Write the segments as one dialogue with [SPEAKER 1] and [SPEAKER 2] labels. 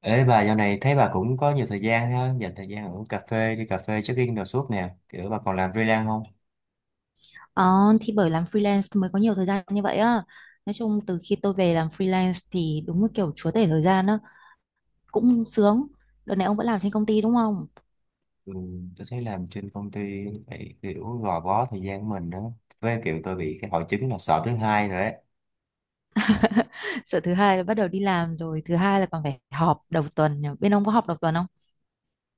[SPEAKER 1] Ê bà dạo này thấy bà cũng có nhiều thời gian ha, dành thời gian ở cà phê, đi cà phê check-in đồ suốt nè, kiểu bà còn làm freelance không?
[SPEAKER 2] Ờ, thì bởi làm freelance mới có nhiều thời gian như vậy á. Nói chung từ khi tôi về làm freelance thì đúng là kiểu chúa tể thời gian á, cũng sướng. Đợt này ông vẫn làm trên công ty đúng không?
[SPEAKER 1] Ừ, tôi thấy làm trên công ty phải kiểu gò bó thời gian của mình đó, với kiểu tôi bị cái hội chứng là sợ thứ hai rồi đấy.
[SPEAKER 2] Sợ thứ hai là bắt đầu đi làm rồi, thứ hai là còn phải họp đầu tuần. Nhỉ? Bên ông có họp đầu tuần không?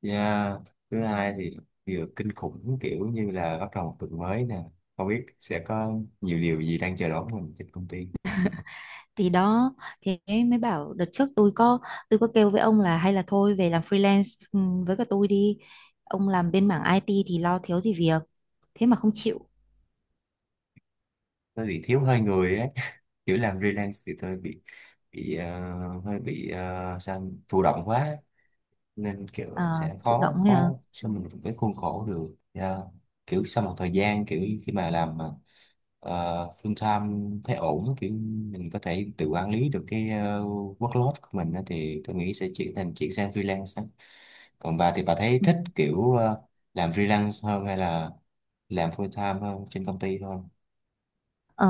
[SPEAKER 1] Yeah. Thứ hai thì vừa kinh khủng kiểu như là bắt đầu một tuần mới nè, không biết sẽ có nhiều điều gì đang chờ đón mình trên công ty.
[SPEAKER 2] Thì đó, thì ấy mới bảo đợt trước tôi có kêu với ông là hay là thôi về làm freelance với cả tôi đi. Ông làm bên mảng IT thì lo thiếu gì việc. Thế mà không chịu.
[SPEAKER 1] Tôi bị thiếu hơi người ấy, kiểu làm freelance thì tôi bị hơi bị sao thụ động quá, nên kiểu
[SPEAKER 2] à,
[SPEAKER 1] sẽ
[SPEAKER 2] Thụ động
[SPEAKER 1] khó
[SPEAKER 2] ấy à.
[SPEAKER 1] khó cho mình một cái khuôn khổ được. Dạ. Kiểu sau một thời gian kiểu khi mà làm mà, full time thấy ổn á, kiểu mình có thể tự quản lý được cái workload của mình á, thì tôi nghĩ sẽ chuyển sang freelance á. Còn bà thì bà thấy thích kiểu làm freelance hơn hay là làm full time hơn trên công ty hơn?
[SPEAKER 2] Ờ,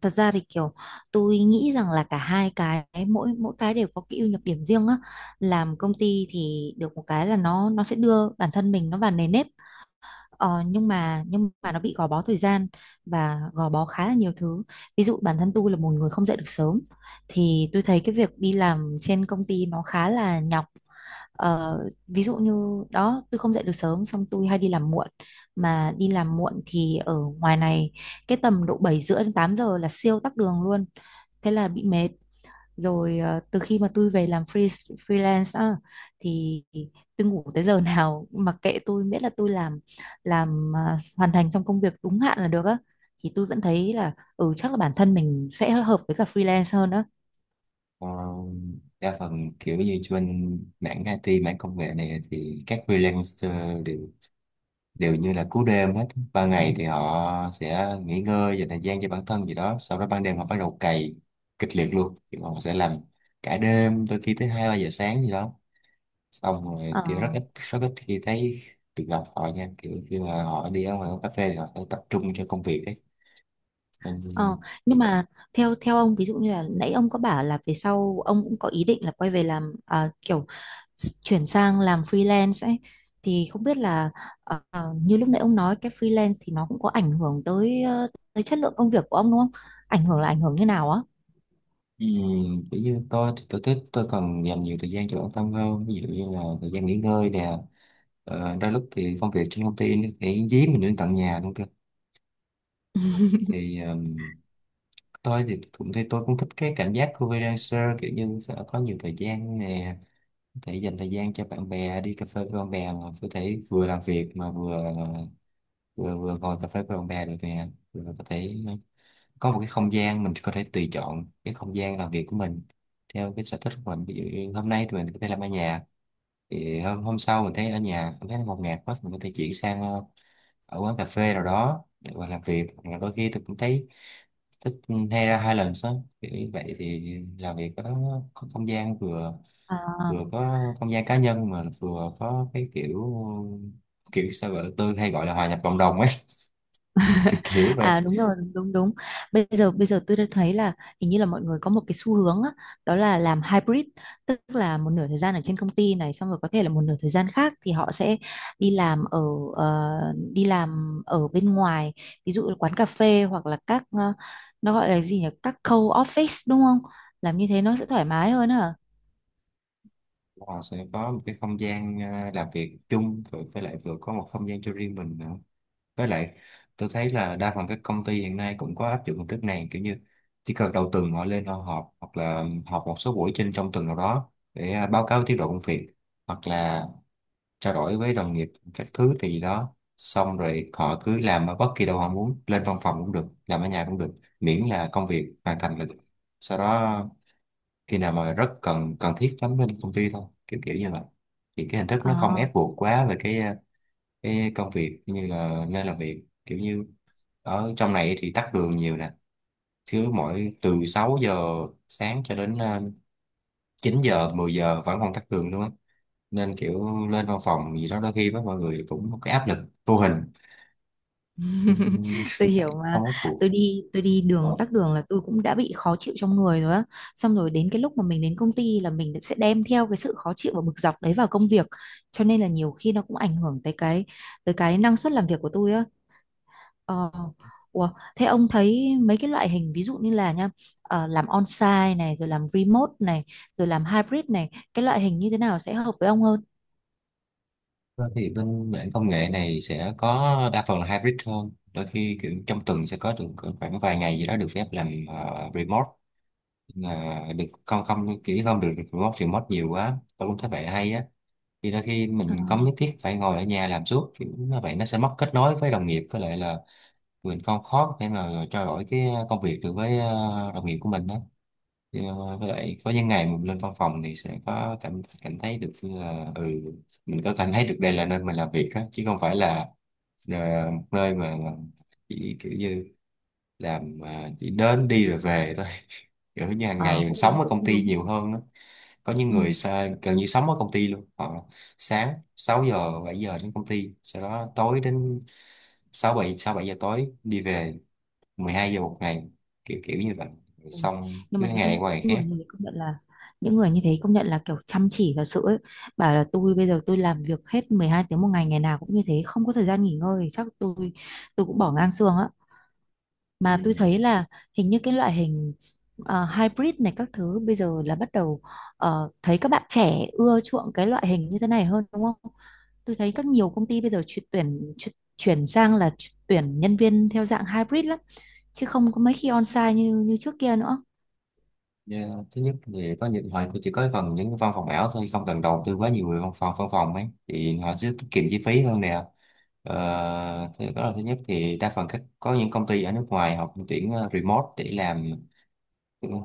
[SPEAKER 2] Thật ra thì kiểu tôi nghĩ rằng là cả hai cái mỗi mỗi cái đều có cái ưu nhược điểm riêng á. Làm công ty thì được một cái là nó sẽ đưa bản thân mình nó vào nề nếp, nhưng mà nó bị gò bó thời gian và gò bó khá là nhiều thứ. Ví dụ bản thân tôi là một người không dậy được sớm, thì tôi thấy cái việc đi làm trên công ty nó khá là nhọc. Ờ, Ví dụ như đó tôi không dậy được sớm xong tôi hay đi làm muộn, mà đi làm muộn thì ở ngoài này cái tầm độ 7 rưỡi đến 8 giờ là siêu tắc đường luôn, thế là bị mệt. Rồi từ khi mà tôi về làm freelance á, thì tôi ngủ tới giờ nào mặc kệ tôi, miễn là tôi hoàn thành trong công việc đúng hạn là được á, thì tôi vẫn thấy là ừ chắc là bản thân mình sẽ hợp với cả freelance hơn á.
[SPEAKER 1] Ờ, Đa phần kiểu như trên mảng IT mảng công nghệ này thì các freelancer đều đều như là cú đêm hết. Ban ngày thì họ sẽ nghỉ ngơi dành thời gian cho bản thân gì đó, sau đó ban đêm họ bắt đầu cày kịch liệt luôn, thì họ sẽ làm cả đêm đôi khi tới hai ba giờ sáng gì đó. Xong rồi
[SPEAKER 2] Ờ,
[SPEAKER 1] kiểu rất ít khi thấy được gặp họ nha, kiểu khi mà họ đi ở ngoài quán cà phê thì họ sẽ tập trung cho công việc đấy. Ừm,
[SPEAKER 2] Ờ, nhưng mà theo theo ông, ví dụ như là nãy ông có bảo là về sau ông cũng có ý định là quay về làm, chuyển sang làm freelance ấy, thì không biết là như lúc nãy ông nói cái freelance thì nó cũng có ảnh hưởng tới tới chất lượng công việc của ông đúng không? Ảnh hưởng là ảnh hưởng như nào á?
[SPEAKER 1] Kiểu như tôi thì tôi thích, tôi cần dành nhiều thời gian cho bản thân hơn, ví dụ như là thời gian nghỉ ngơi nè. Đôi lúc thì công việc trên công ty nó sẽ dí mình đến tận nhà luôn cơ, thì tôi thì cũng thấy tôi cũng thích cái cảm giác của freelancer, kiểu như sẽ có nhiều thời gian nè, có thể dành thời gian cho bạn bè, đi cà phê với bạn bè mà có thể vừa làm việc mà vừa vừa vừa ngồi cà phê với bạn bè được nè, vừa có thể có một cái không gian mình có thể tùy chọn cái không gian làm việc của mình theo cái sở thích của mình. Ví dụ như hôm nay thì mình có thể làm ở nhà, thì hôm hôm sau mình thấy ở nhà cảm thấy nó ngột ngạt quá thì mình có thể chuyển sang ở quán cà phê nào đó để mà làm việc. Hoặc là đôi khi tôi cũng thấy thích hay ra Highlands á, kiểu như vậy thì làm việc có không gian, vừa
[SPEAKER 2] À.
[SPEAKER 1] vừa có không gian cá nhân mà vừa có cái kiểu kiểu sao gọi là, tôi hay gọi là hòa nhập cộng đồng ấy, cái kiểu vậy.
[SPEAKER 2] À đúng rồi, đúng đúng. Bây giờ tôi đã thấy là hình như là mọi người có một cái xu hướng á, đó là làm hybrid, tức là một nửa thời gian ở trên công ty này xong rồi có thể là một nửa thời gian khác thì họ sẽ đi làm ở ờ, đi làm ở bên ngoài, ví dụ là quán cà phê hoặc là nó gọi là gì nhỉ? Các co-office đúng không? Làm như thế nó sẽ thoải mái hơn hả?
[SPEAKER 1] Họ sẽ có một cái không gian làm việc chung, rồi với lại vừa có một không gian cho riêng mình nữa. Với lại tôi thấy là đa phần các công ty hiện nay cũng có áp dụng hình thức này, kiểu như chỉ cần đầu tuần họ lên họ họp, hoặc là họp một số buổi trong tuần nào đó để báo cáo tiến độ công việc, hoặc là trao đổi với đồng nghiệp các thứ, thì đó xong rồi họ cứ làm ở bất kỳ đâu họ muốn, lên văn phòng cũng được, làm ở nhà cũng được, miễn là công việc hoàn thành là được. Sau đó khi nào mà rất cần cần thiết lắm lên công ty thôi, kiểu kiểu như vậy. Thì cái hình thức nó không
[SPEAKER 2] À.
[SPEAKER 1] ép buộc quá về cái cái công việc như là nơi làm việc, kiểu như ở trong này thì tắc đường nhiều nè, chứ mỗi từ 6 giờ sáng cho đến 9 giờ 10 giờ vẫn còn tắc đường luôn á, nên kiểu lên văn phòng gì đó đôi khi với mọi người cũng có cái áp lực vô hình. Ừm.
[SPEAKER 2] Tôi
[SPEAKER 1] Bạn
[SPEAKER 2] hiểu mà.
[SPEAKER 1] không có cuộc.
[SPEAKER 2] Tôi đi đường tắc đường là tôi cũng đã bị khó chịu trong người rồi á, xong rồi đến cái lúc mà mình đến công ty là mình sẽ đem theo cái sự khó chịu và bực dọc đấy vào công việc, cho nên là nhiều khi nó cũng ảnh hưởng tới tới cái năng suất làm việc của tôi á. ờ, Ủa, thế ông thấy mấy cái loại hình ví dụ như là nha, làm on-site này rồi làm remote này rồi làm hybrid này, cái loại hình như thế nào sẽ hợp với ông hơn?
[SPEAKER 1] Vâng. Thì bên mảng công nghệ này sẽ có đa phần là hybrid hơn, đôi khi kiểu trong tuần sẽ có được cỡ khoảng vài ngày gì đó được phép làm remote. Nhưng mà được không không kiểu không được remote remote nhiều quá, tôi cũng thấy vậy hay á. Thì đôi khi
[SPEAKER 2] Ờ,
[SPEAKER 1] mình không nhất thiết phải ngồi ở nhà làm suốt, kiểu như vậy nó sẽ mất kết nối với đồng nghiệp, với lại là mình không khó có thể mà trao đổi cái công việc được với đồng nghiệp của mình á. Thì, với lại có những ngày mình lên văn phòng thì sẽ có cảm cảm thấy được như là mình có cảm thấy được đây là nơi mình làm việc á, chứ không phải là một nơi mà chỉ kiểu như chỉ đến đi rồi về thôi. Kiểu như hàng ngày
[SPEAKER 2] ờ,
[SPEAKER 1] mình
[SPEAKER 2] Cũng
[SPEAKER 1] sống
[SPEAKER 2] đúng
[SPEAKER 1] ở
[SPEAKER 2] cũng
[SPEAKER 1] công ty
[SPEAKER 2] đúng.
[SPEAKER 1] nhiều hơn á. Có những
[SPEAKER 2] Ừ.
[SPEAKER 1] người gần như sống ở công ty luôn, họ sáng 6 giờ 7 giờ đến công ty, sau đó tối đến sáu bảy giờ tối đi về, 12 giờ một ngày, kiểu kiểu như vậy. Rồi
[SPEAKER 2] Ui,
[SPEAKER 1] xong
[SPEAKER 2] nhưng
[SPEAKER 1] cứ
[SPEAKER 2] mà
[SPEAKER 1] ngày
[SPEAKER 2] những
[SPEAKER 1] qua ngày khác.
[SPEAKER 2] người như thế công nhận là những người như thế công nhận là kiểu chăm chỉ thật sự ấy. Bảo là tôi bây giờ tôi làm việc hết 12 tiếng một ngày, ngày nào cũng như thế không có thời gian nghỉ ngơi, chắc tôi cũng bỏ ngang xương á.
[SPEAKER 1] Ừ.
[SPEAKER 2] Mà tôi thấy là hình như cái loại hình hybrid này các thứ bây giờ là bắt đầu, thấy các bạn trẻ ưa chuộng cái loại hình như thế này hơn đúng không. Tôi thấy các nhiều công ty bây giờ chuyển sang là tuyển nhân viên theo dạng hybrid lắm, chứ không có mấy khi on-site như như trước kia nữa.
[SPEAKER 1] Dạ. Thứ nhất thì có những họ chỉ có phần những cái văn phòng ảo thôi, không cần đầu tư quá nhiều về văn phòng ấy thì họ sẽ tiết kiệm chi phí hơn nè. Thế đó là thứ nhất. Thì đa phần có những công ty ở nước ngoài họ cũng tuyển remote để làm,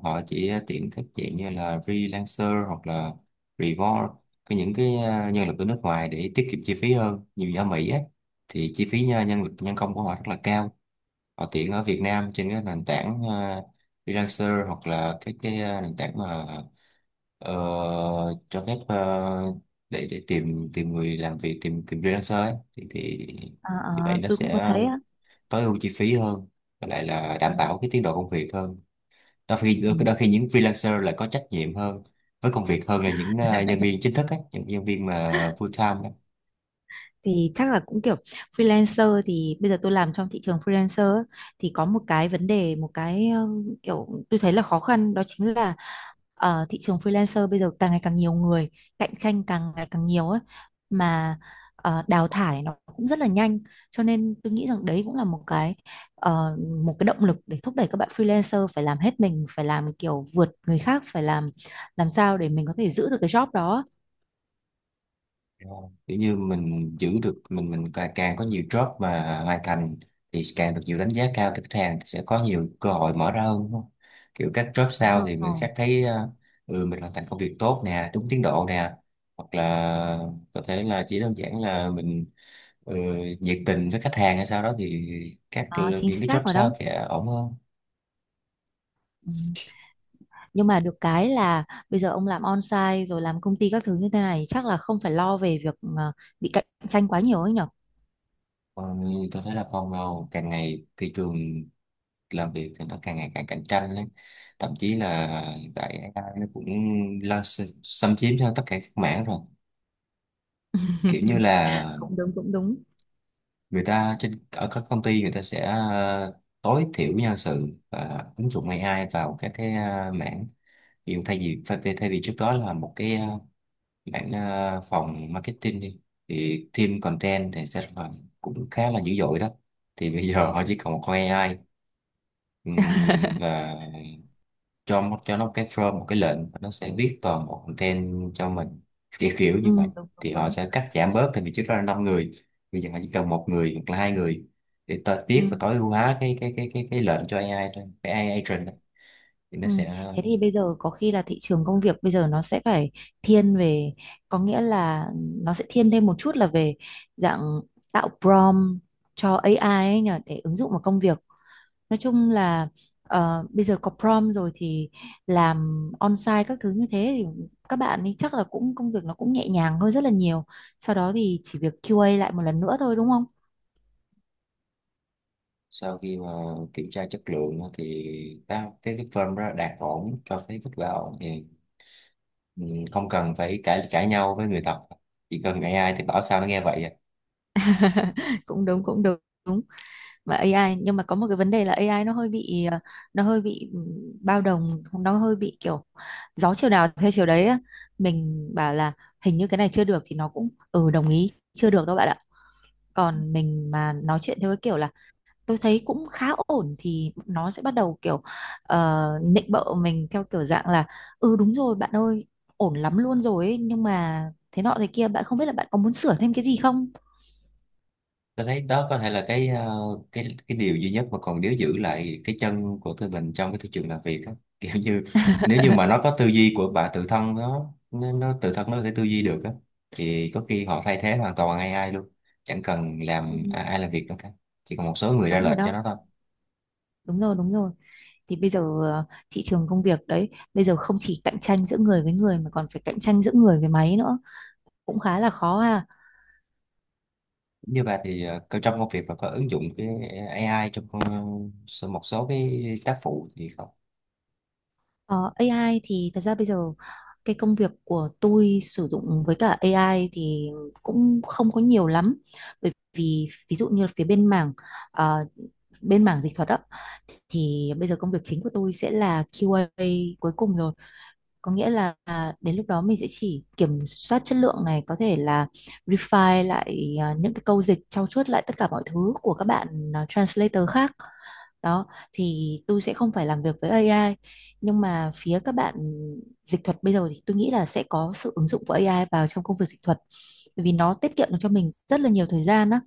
[SPEAKER 1] họ chỉ tuyển các dạng như là freelancer hoặc là remote, những cái nhân lực ở nước ngoài để tiết kiệm chi phí hơn nhiều, như ở Mỹ ấy, thì chi phí nhân nhân lực nhân công của họ rất là cao, họ tiện ở Việt Nam trên cái nền tảng freelancer hoặc là cái nền tảng mà ờ, cho phép để tìm tìm người làm việc, tìm tìm freelancer ấy. thì thì
[SPEAKER 2] Ờ,
[SPEAKER 1] thì vậy
[SPEAKER 2] ờ,
[SPEAKER 1] nó
[SPEAKER 2] tôi cũng có
[SPEAKER 1] sẽ
[SPEAKER 2] thấy á.
[SPEAKER 1] tối ưu chi phí hơn, và lại là đảm
[SPEAKER 2] Ừ.
[SPEAKER 1] bảo cái tiến độ công việc hơn. đôi khi
[SPEAKER 2] Ừ.
[SPEAKER 1] đôi khi những freelancer là có trách nhiệm hơn với công việc hơn là những nhân viên chính thức ấy, những nhân viên mà full time ấy.
[SPEAKER 2] Thì chắc là cũng kiểu freelancer thì bây giờ tôi làm trong thị trường freelancer á, thì có một cái vấn đề một cái kiểu tôi thấy là khó khăn, đó chính là ở thị trường freelancer bây giờ càng ngày càng nhiều người, cạnh tranh càng ngày càng nhiều ấy. Mà đào thải nó cũng rất là nhanh, cho nên tôi nghĩ rằng đấy cũng là một cái ờ, một cái động lực để thúc đẩy các bạn freelancer phải làm hết mình, phải làm kiểu vượt người khác, phải làm sao để mình có thể giữ được cái job đó.
[SPEAKER 1] Kiểu như mình giữ được, mình càng có nhiều job mà hoàn thành thì càng được nhiều đánh giá cao từ khách hàng, thì sẽ có nhiều cơ hội mở ra hơn đúng không? Kiểu các job sau
[SPEAKER 2] Đúng
[SPEAKER 1] thì người
[SPEAKER 2] rồi.
[SPEAKER 1] khác thấy mình hoàn thành công việc tốt nè, đúng tiến độ nè, hoặc là có thể là chỉ đơn giản là mình ừ, nhiệt tình với khách hàng, hay sau đó thì
[SPEAKER 2] Đó, chính
[SPEAKER 1] những cái job
[SPEAKER 2] xác rồi đó.
[SPEAKER 1] sau sẽ ổn hơn.
[SPEAKER 2] Ừ. Nhưng mà được cái là bây giờ ông làm on-site rồi làm công ty các thứ như thế này chắc là không phải lo về việc bị cạnh tranh quá nhiều ấy nhở?
[SPEAKER 1] Còn có thể là còn vào càng ngày thị trường làm việc thì nó càng ngày càng cạnh tranh ấy. Thậm chí là hiện tại AI nó cũng lo xâm chiếm cho tất cả các mảng rồi, kiểu như là
[SPEAKER 2] Cũng đúng, cũng đúng.
[SPEAKER 1] người ta ở các công ty người ta sẽ tối thiểu nhân sự và ứng dụng AI vào các cái mảng. Ví dụ thay vì trước đó là một cái phòng marketing đi, thì team content thì sẽ là cũng khá là dữ dội đó, thì bây giờ họ chỉ còn một con AI. Và cho cho nó một cái form, một cái lệnh, và nó sẽ viết toàn bộ content cho mình, kiểu kiểu như vậy.
[SPEAKER 2] Ừ, đúng, đúng,
[SPEAKER 1] Thì họ
[SPEAKER 2] đúng.
[SPEAKER 1] sẽ cắt giảm bớt, thì vì trước đó là năm người, bây giờ họ chỉ cần một người hoặc là hai người để ta
[SPEAKER 2] Ừ,
[SPEAKER 1] viết và tối ưu hóa cái lệnh cho AI thôi, cái AI agent đó. Thì nó
[SPEAKER 2] ừ.
[SPEAKER 1] sẽ
[SPEAKER 2] Thế thì bây giờ có khi là thị trường công việc bây giờ nó sẽ phải thiên về, có nghĩa là nó sẽ thiên thêm một chút là về dạng tạo prompt cho AI ấy nhở, để ứng dụng vào công việc. Nói chung là bây giờ có prom rồi thì làm on-site các thứ như thế thì các bạn ấy chắc là cũng công việc nó cũng nhẹ nhàng hơn rất là nhiều. Sau đó thì chỉ việc QA lại một lần nữa thôi đúng không?
[SPEAKER 1] sau khi mà kiểm tra chất lượng á, thì ta, cái form đó đạt ổn cho cái kết quả ổn thì ừ, không cần phải cãi cãi nhau với người thật, chỉ cần AI thì bảo sao nó nghe vậy à.
[SPEAKER 2] Cũng đúng cũng đúng. Đúng. Mà AI, nhưng mà có một cái vấn đề là AI nó hơi bị bao đồng, nó hơi bị kiểu gió chiều nào theo chiều đấy á. Mình bảo là hình như cái này chưa được thì nó cũng ừ đồng ý chưa được đâu bạn ạ. Còn mình mà nói chuyện theo cái kiểu là tôi thấy cũng khá ổn thì nó sẽ bắt đầu kiểu nịnh bợ mình theo kiểu dạng là ừ đúng rồi bạn ơi, ổn lắm luôn rồi ấy, nhưng mà thế nọ thế kia bạn không biết là bạn có muốn sửa thêm cái gì không.
[SPEAKER 1] Tôi thấy đó có thể là cái cái điều duy nhất mà còn nếu giữ lại cái chân của tụi mình trong cái thị trường làm việc á. Kiểu như nếu như mà nó có tư duy của bà, tự thân nó tự thân nó có thể tư duy được á, thì có khi họ thay thế hoàn toàn AI luôn, chẳng cần
[SPEAKER 2] Ừ.
[SPEAKER 1] làm ai làm việc nữa cả, chỉ còn một số người ra
[SPEAKER 2] Đúng rồi
[SPEAKER 1] lệnh cho
[SPEAKER 2] đó,
[SPEAKER 1] nó thôi.
[SPEAKER 2] đúng rồi đúng rồi. Thì bây giờ thị trường công việc đấy bây giờ không chỉ cạnh tranh giữa người với người mà còn phải cạnh tranh giữa người với máy nữa, cũng khá là khó ha.
[SPEAKER 1] Như bà thì trong công việc và có ứng dụng cái AI trong một số cái tác phụ thì không?
[SPEAKER 2] Ờ, AI thì thật ra bây giờ cái công việc của tôi sử dụng với cả AI thì cũng không có nhiều lắm, bởi vì ví dụ như phía ờ, bên mảng dịch thuật á, thì bây giờ công việc chính của tôi sẽ là QA cuối cùng rồi, có nghĩa là đến lúc đó mình sẽ chỉ kiểm soát chất lượng này, có thể là refine lại những cái câu dịch, trau chuốt lại tất cả mọi thứ của các bạn translator khác đó, thì tôi sẽ không phải làm việc với AI. Nhưng mà phía các bạn dịch thuật bây giờ thì tôi nghĩ là sẽ có sự ứng dụng của AI vào trong công việc dịch thuật, bởi vì nó tiết kiệm được cho mình rất là nhiều thời gian á.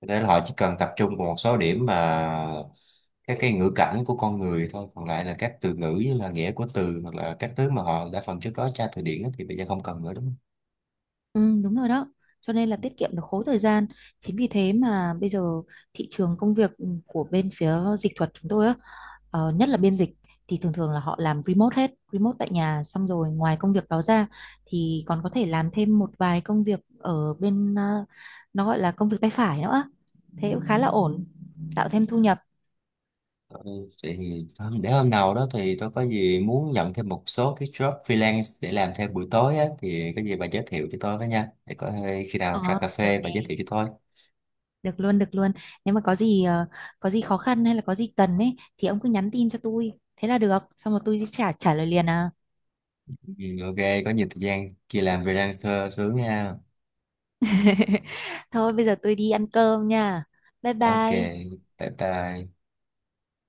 [SPEAKER 1] Để là họ chỉ cần tập trung vào một số điểm mà các cái ngữ cảnh của con người thôi, còn lại là các từ ngữ như là nghĩa của từ hoặc là các thứ mà họ đã phần trước đó tra từ điển á, thì bây giờ không cần nữa đúng không?
[SPEAKER 2] Ừ, đúng rồi đó. Cho nên là tiết kiệm được khối thời gian. Chính vì thế mà bây giờ thị trường công việc của bên phía dịch thuật chúng tôi á, nhất là biên dịch thì thường thường là họ làm remote hết, remote tại nhà, xong rồi ngoài công việc đó ra thì còn có thể làm thêm một vài công việc ở nó gọi là công việc tay phải nữa. Thế cũng khá là ổn, tạo thêm thu nhập.
[SPEAKER 1] Ừ. Vậy thì thôi, để hôm nào đó thì tôi có gì muốn nhận thêm một số cái job freelance để làm thêm buổi tối á, thì có gì bà giới thiệu cho tôi với nha, để có khi nào
[SPEAKER 2] Ờ,
[SPEAKER 1] ra cà
[SPEAKER 2] được
[SPEAKER 1] phê bà giới
[SPEAKER 2] nè.
[SPEAKER 1] thiệu cho tôi.
[SPEAKER 2] Được luôn, được luôn. Nếu mà có gì có gì khó khăn hay là có gì cần ấy thì ông cứ nhắn tin cho tôi. Thế là được. Xong rồi tôi sẽ trả trả lời liền à.
[SPEAKER 1] Ừ, ok, có nhiều thời gian kia làm freelancer sướng nha.
[SPEAKER 2] Thôi bây giờ tôi đi ăn cơm nha. Bye
[SPEAKER 1] Ok,
[SPEAKER 2] bye.
[SPEAKER 1] bye bye.